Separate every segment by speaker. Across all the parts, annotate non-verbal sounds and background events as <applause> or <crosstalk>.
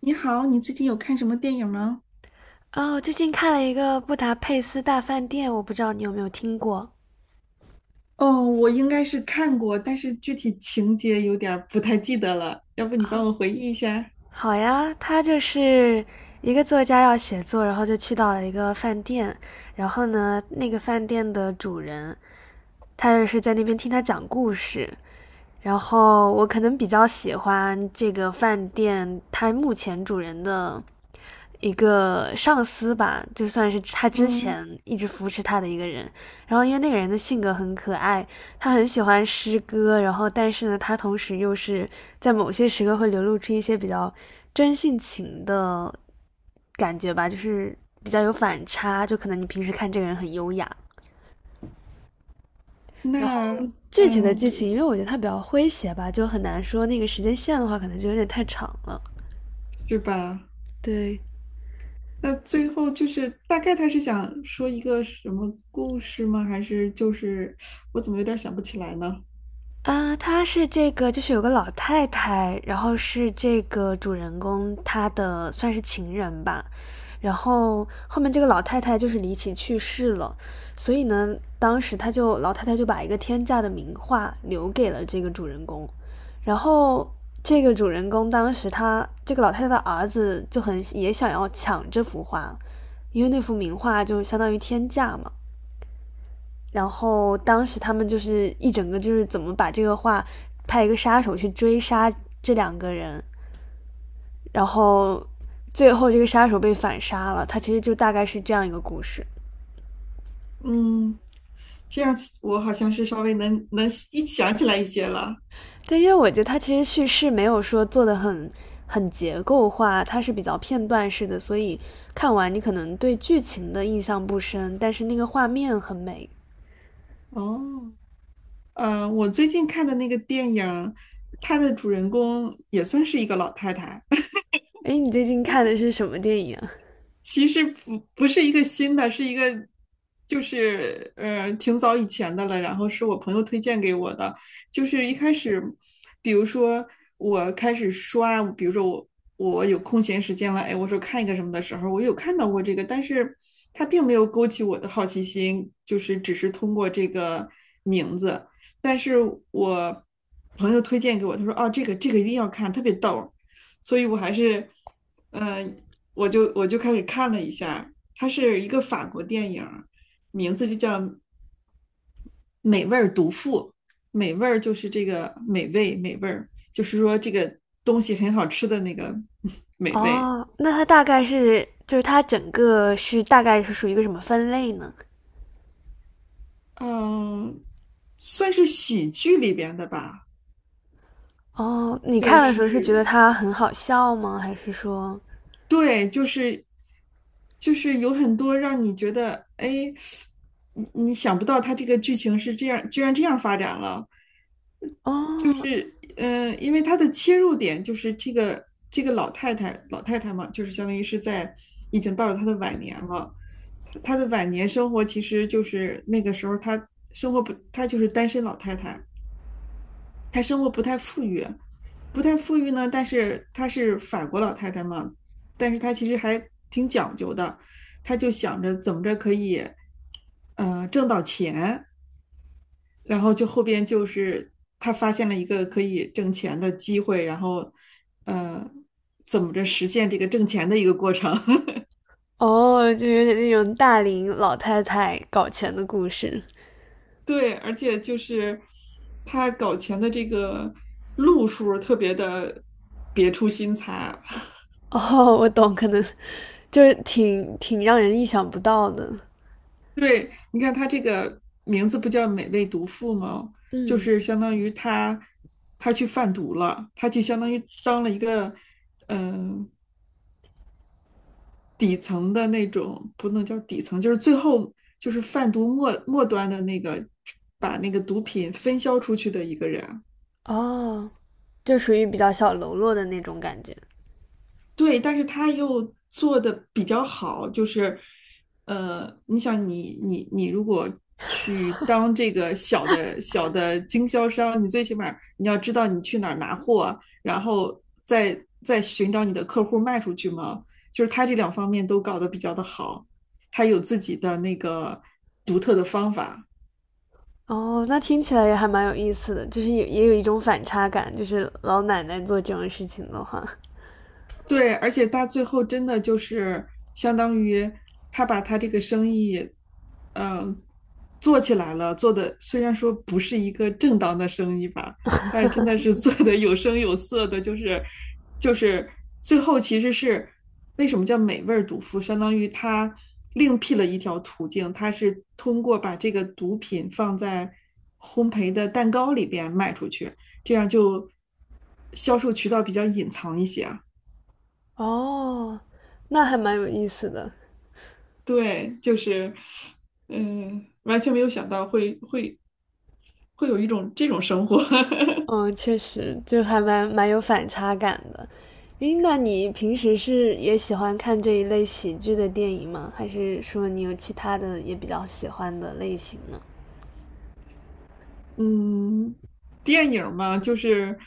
Speaker 1: 你好，你最近有看什么电影吗？
Speaker 2: 哦，最近看了一个《布达佩斯大饭店》，我不知道你有没有听过。
Speaker 1: 哦，我应该是看过，但是具体情节有点儿不太记得了，要不你帮我回忆一下？
Speaker 2: 好呀，他就是一个作家要写作，然后就去到了一个饭店，然后呢，那个饭店的主人他就是在那边听他讲故事。然后我可能比较喜欢这个饭店，它目前主人的一个上司吧，就算是他之
Speaker 1: 嗯。
Speaker 2: 前一直扶持他的一个人。然后因为那个人的性格很可爱，他很喜欢诗歌，然后但是呢，他同时又是在某些时刻会流露出一些比较真性情的感觉吧，就是比较有反差。就可能你平时看这个人很优雅，然后
Speaker 1: 那，
Speaker 2: 具体的
Speaker 1: 嗯，
Speaker 2: 剧情，因为我觉得它比较诙谐吧，就很难说那个时间线的话，可能就有点太长了。
Speaker 1: 是吧？
Speaker 2: 对，
Speaker 1: 那最后就是大概他是想说一个什么故事吗？还是就是我怎么有点儿想不起来呢？
Speaker 2: 啊，她是这个，就是有个老太太，然后是这个主人公她的算是情人吧，然后后面这个老太太就是离奇去世了，所以呢，当时她就老太太就把一个天价的名画留给了这个主人公，然后这个主人公当时他这个老太太的儿子就很也想要抢这幅画，因为那幅名画就相当于天价嘛，然后当时他们就是一整个就是怎么把这个画，派一个杀手去追杀这两个人，然后最后这个杀手被反杀了。他其实就大概是这样一个故事。
Speaker 1: 嗯，这样我好像是稍微能一想起来一些了。
Speaker 2: 对，因为我觉得他其实叙事没有说做的很结构化，它是比较片段式的，所以看完你可能对剧情的印象不深，但是那个画面很美。
Speaker 1: 哦，我最近看的那个电影，它的主人公也算是一个老太太。
Speaker 2: 哎，你最近看的是什么电影啊？
Speaker 1: 其实不是一个新的，是一个就是挺早以前的了，然后是我朋友推荐给我的。就是一开始，比如说我开始刷，比如说我有空闲时间了，哎，我说看一个什么的时候，我有看到过这个，但是它并没有勾起我的好奇心，就是只是通过这个名字。但是我朋友推荐给我，他说哦，这个一定要看，特别逗儿，所以我还是。呃我就开始看了一下，它是一个法国电影，名字就叫《美味毒妇》。美味儿就是这个美味，美味儿就是说这个东西很好吃的那个美味。
Speaker 2: 哦，那它大概是就是它整个是大概是属于一个什么分类呢？
Speaker 1: 嗯，算是喜剧里边的吧。
Speaker 2: 哦，你
Speaker 1: 就
Speaker 2: 看的时候是觉得
Speaker 1: 是
Speaker 2: 它很好笑吗？还是说，
Speaker 1: 对，就是有很多让你觉得，哎，你想不到它这个剧情是这样，居然这样发展了。
Speaker 2: 哦
Speaker 1: 嗯，因为他的切入点就是这个老太太，老太太嘛，就是相当于是在已经到了她的晚年了。她的晚年生活其实就是那个时候她生活不，她就是单身老太太，她生活不太富裕，不太富裕呢。但是她是法国老太太嘛，但是她其实还挺讲究的，她就想着怎么着可以，挣到钱。然后就后边就是他发现了一个可以挣钱的机会，然后呃，怎么着实现这个挣钱的一个过程。
Speaker 2: 哦，就有点那种大龄老太太搞钱的故事？
Speaker 1: <laughs>？对，而且就是他搞钱的这个路数特别的别出心裁。<laughs>
Speaker 2: 哦，我懂，可能就是挺让人意想不到的。
Speaker 1: 对，你看他这个名字不叫"美味毒妇"吗？就
Speaker 2: 嗯，
Speaker 1: 是相当于他去贩毒了，他就相当于当了一个嗯、呃底层的那种，不能叫底层，就是最后就是贩毒末端的那个，把那个毒品分销出去的一个人。
Speaker 2: 哦，就属于比较小喽啰的那种感觉。
Speaker 1: 对，但是他又做的比较好，就是，你想，你如果去当这个小的经销商，你最起码你要知道你去哪儿拿货，然后再寻找你的客户卖出去嘛。就是他这两方面都搞得比较的好，他有自己的那个独特的方法。
Speaker 2: 哦，那听起来也还蛮有意思的，就是也有一种反差感，就是老奶奶做这种事情的话，
Speaker 1: 对，而且他最后真的就是相当于他把他这个生意，嗯、做起来了，做的虽然说不是一个正当的生意吧，但是真的是 <laughs> 做的有声有色的。就是就是最后其实是为什么叫美味儿毒妇，相当于他另辟了一条途径，他是通过把这个毒品放在烘焙的蛋糕里边卖出去，这样就销售渠道比较隐藏一些。
Speaker 2: 哦，那还蛮有意思的。
Speaker 1: 对，就是，完全没有想到会有一种这种生活。<laughs>
Speaker 2: 嗯，确实，就还蛮有反差感的。诶，那你平时是也喜欢看这一类喜剧的电影吗？还是说你有其他的也比较喜欢的类型呢？
Speaker 1: 嗯，电影儿嘛，就是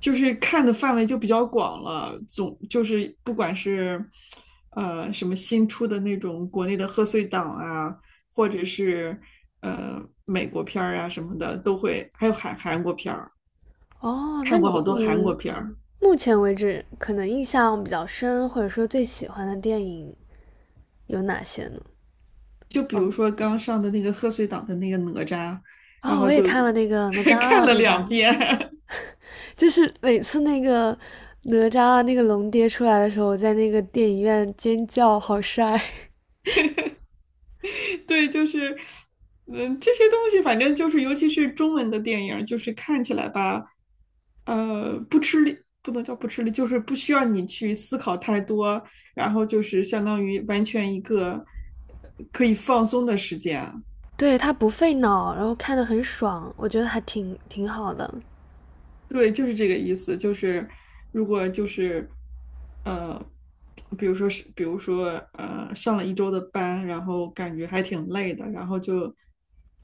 Speaker 1: 就是看的范围就比较广了，总就是不管是什么新出的那种国内的贺岁档啊，或者是呃美国片儿啊什么的，都会，还有韩国片儿，
Speaker 2: 哦，那
Speaker 1: 看
Speaker 2: 你
Speaker 1: 过好多韩国
Speaker 2: 你
Speaker 1: 片儿。
Speaker 2: 目前为止可能印象比较深，或者说最喜欢的电影有哪些呢？
Speaker 1: 就比如说刚上的那个贺岁档的那个哪吒，然
Speaker 2: 哦，我
Speaker 1: 后
Speaker 2: 也
Speaker 1: 就
Speaker 2: 看了那个哪吒
Speaker 1: <laughs> 看
Speaker 2: 二，
Speaker 1: 了
Speaker 2: 对
Speaker 1: 两
Speaker 2: 吧？
Speaker 1: 遍。
Speaker 2: 就是每次那个哪吒二那个龙爹出来的时候，我在那个电影院尖叫，好帅。
Speaker 1: <laughs>。对，就是这些东西反正就是，尤其是中文的电影，就是看起来吧，不吃力，不能叫不吃力，就是不需要你去思考太多，然后就是相当于完全一个可以放松的时间。
Speaker 2: 对，它不费脑，然后看的很爽，我觉得还挺好的。
Speaker 1: 对，就是这个意思，就是如果就是，呃，比如说是，比如说，上了一周的班，然后感觉还挺累的，然后就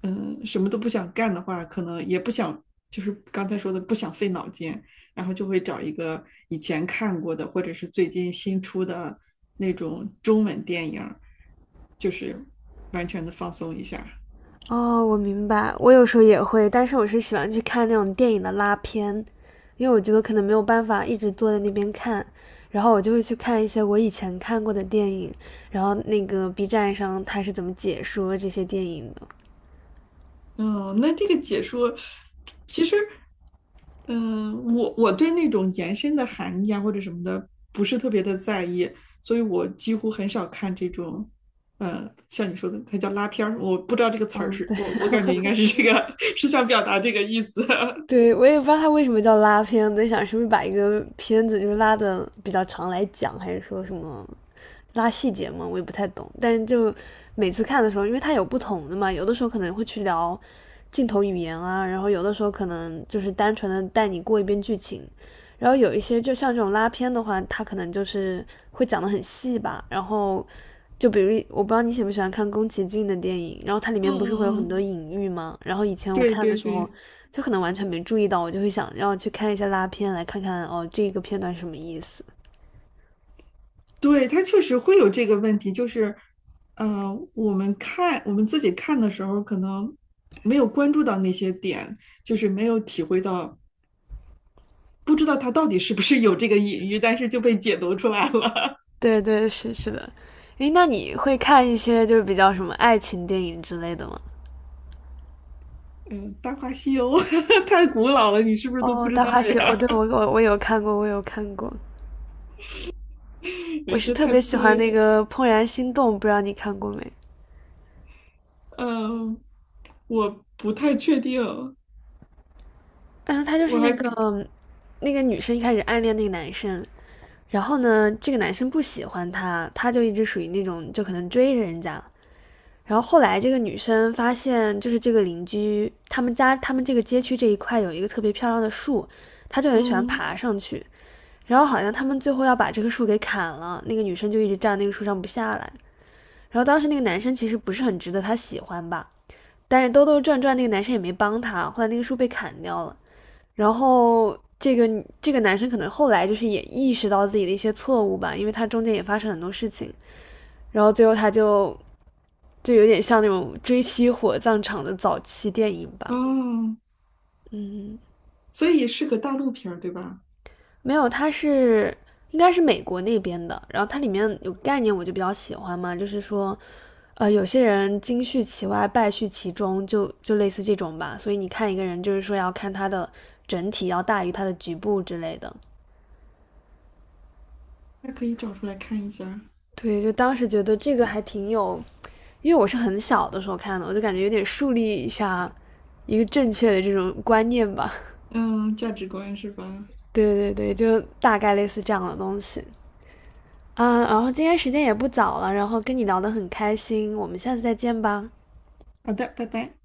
Speaker 1: 什么都不想干的话，可能也不想，就是刚才说的不想费脑筋，然后就会找一个以前看过的或者是最近新出的那种中文电影儿，就是完全的放松一下。
Speaker 2: 哦，我明白，我有时候也会，但是我是喜欢去看那种电影的拉片，因为我觉得可能没有办法一直坐在那边看，然后我就会去看一些我以前看过的电影，然后那个 B 站上它是怎么解说这些电影的。
Speaker 1: 嗯，那这个解说，其实，嗯、我对那种延伸的含义啊或者什么的不是特别的在意，所以我几乎很少看这种，像你说的，它叫拉片儿，我不知道这个词儿
Speaker 2: 嗯，
Speaker 1: 是，
Speaker 2: 对。
Speaker 1: 我感觉应该是这个，<laughs> 是想表达这个意思。<laughs>
Speaker 2: 对，我也不知道它为什么叫拉片，我在想是不是把一个片子就是拉的比较长来讲，还是说什么拉细节嘛，我也不太懂。但是就每次看的时候，因为它有不同的嘛，有的时候可能会去聊镜头语言啊，然后有的时候可能就是单纯的带你过一遍剧情，然后有一些就像这种拉片的话，它可能就是会讲得很细吧。然后就比如我不知道你喜不喜欢看宫崎骏的电影，然后它里
Speaker 1: 嗯
Speaker 2: 面不是会有
Speaker 1: 嗯
Speaker 2: 很
Speaker 1: 嗯，
Speaker 2: 多隐喻吗？然后以前我
Speaker 1: 对
Speaker 2: 看的
Speaker 1: 对
Speaker 2: 时
Speaker 1: 对，
Speaker 2: 候，就可能完全没注意到，我就会想要去看一下拉片来看看哦这个片段是什么意思。
Speaker 1: 对，它确实会有这个问题，就是，我们看我们自己看的时候，可能没有关注到那些点。就是没有体会到不知道他到底是不是有这个隐喻，但是就被解读出来了。
Speaker 2: 对对，是是的。诶，那你会看一些就是比较什么爱情电影之类的吗？
Speaker 1: <laughs> 嗯，《大话西游》。<laughs> 太古老了，你是不是都
Speaker 2: 哦，
Speaker 1: 不知
Speaker 2: 《大
Speaker 1: 道
Speaker 2: 话西游》哦，对，我
Speaker 1: 呀？
Speaker 2: 我我有看过，我有看过。
Speaker 1: <laughs> 有
Speaker 2: 我
Speaker 1: 一
Speaker 2: 是
Speaker 1: 些
Speaker 2: 特
Speaker 1: 太
Speaker 2: 别喜
Speaker 1: 特
Speaker 2: 欢
Speaker 1: 别。
Speaker 2: 那个《怦然心动》，不知道你看过没？
Speaker 1: 嗯，我不太确定，
Speaker 2: 嗯，他就是
Speaker 1: 我
Speaker 2: 那
Speaker 1: 还
Speaker 2: 个那个女生一开始暗恋那个男生，然后呢，这个男生不喜欢她，她就一直属于那种就可能追着人家。然后后来这个女生发现，就是这个邻居他们家他们这个街区这一块有一个特别漂亮的树，她就很喜欢
Speaker 1: 嗯
Speaker 2: 爬上去。然后好像他们最后要把这棵树给砍了，那个女生就一直站那个树上不下来。然后当时那个男生其实不是很值得她喜欢吧，但是兜兜转转那个男生也没帮他，后来那个树被砍掉了，然后这个男生可能后来就是也意识到自己的一些错误吧，因为他中间也发生很多事情，然后最后他就就有点像那种追妻火葬场的早期电影吧，
Speaker 1: 哦，
Speaker 2: 嗯，
Speaker 1: 所以是个大陆片儿对吧？
Speaker 2: 没有，它是应该是美国那边的。然后它里面有概念，我就比较喜欢嘛，就是说，有些人金絮其外，败絮其中，就类似这种吧。所以你看一个人，就是说要看他的整体要大于他的局部之类的。
Speaker 1: 那可以找出来看一下。
Speaker 2: 对，就当时觉得这个还挺有，因为我是很小的时候看的，我就感觉有点树立一下一个正确的这种观念吧。
Speaker 1: 嗯，价值观是吧？
Speaker 2: <laughs> 对对对，就大概类似这样的东西。嗯，然后今天时间也不早了，然后跟你聊得很开心，我们下次再见吧。
Speaker 1: 好的，拜拜。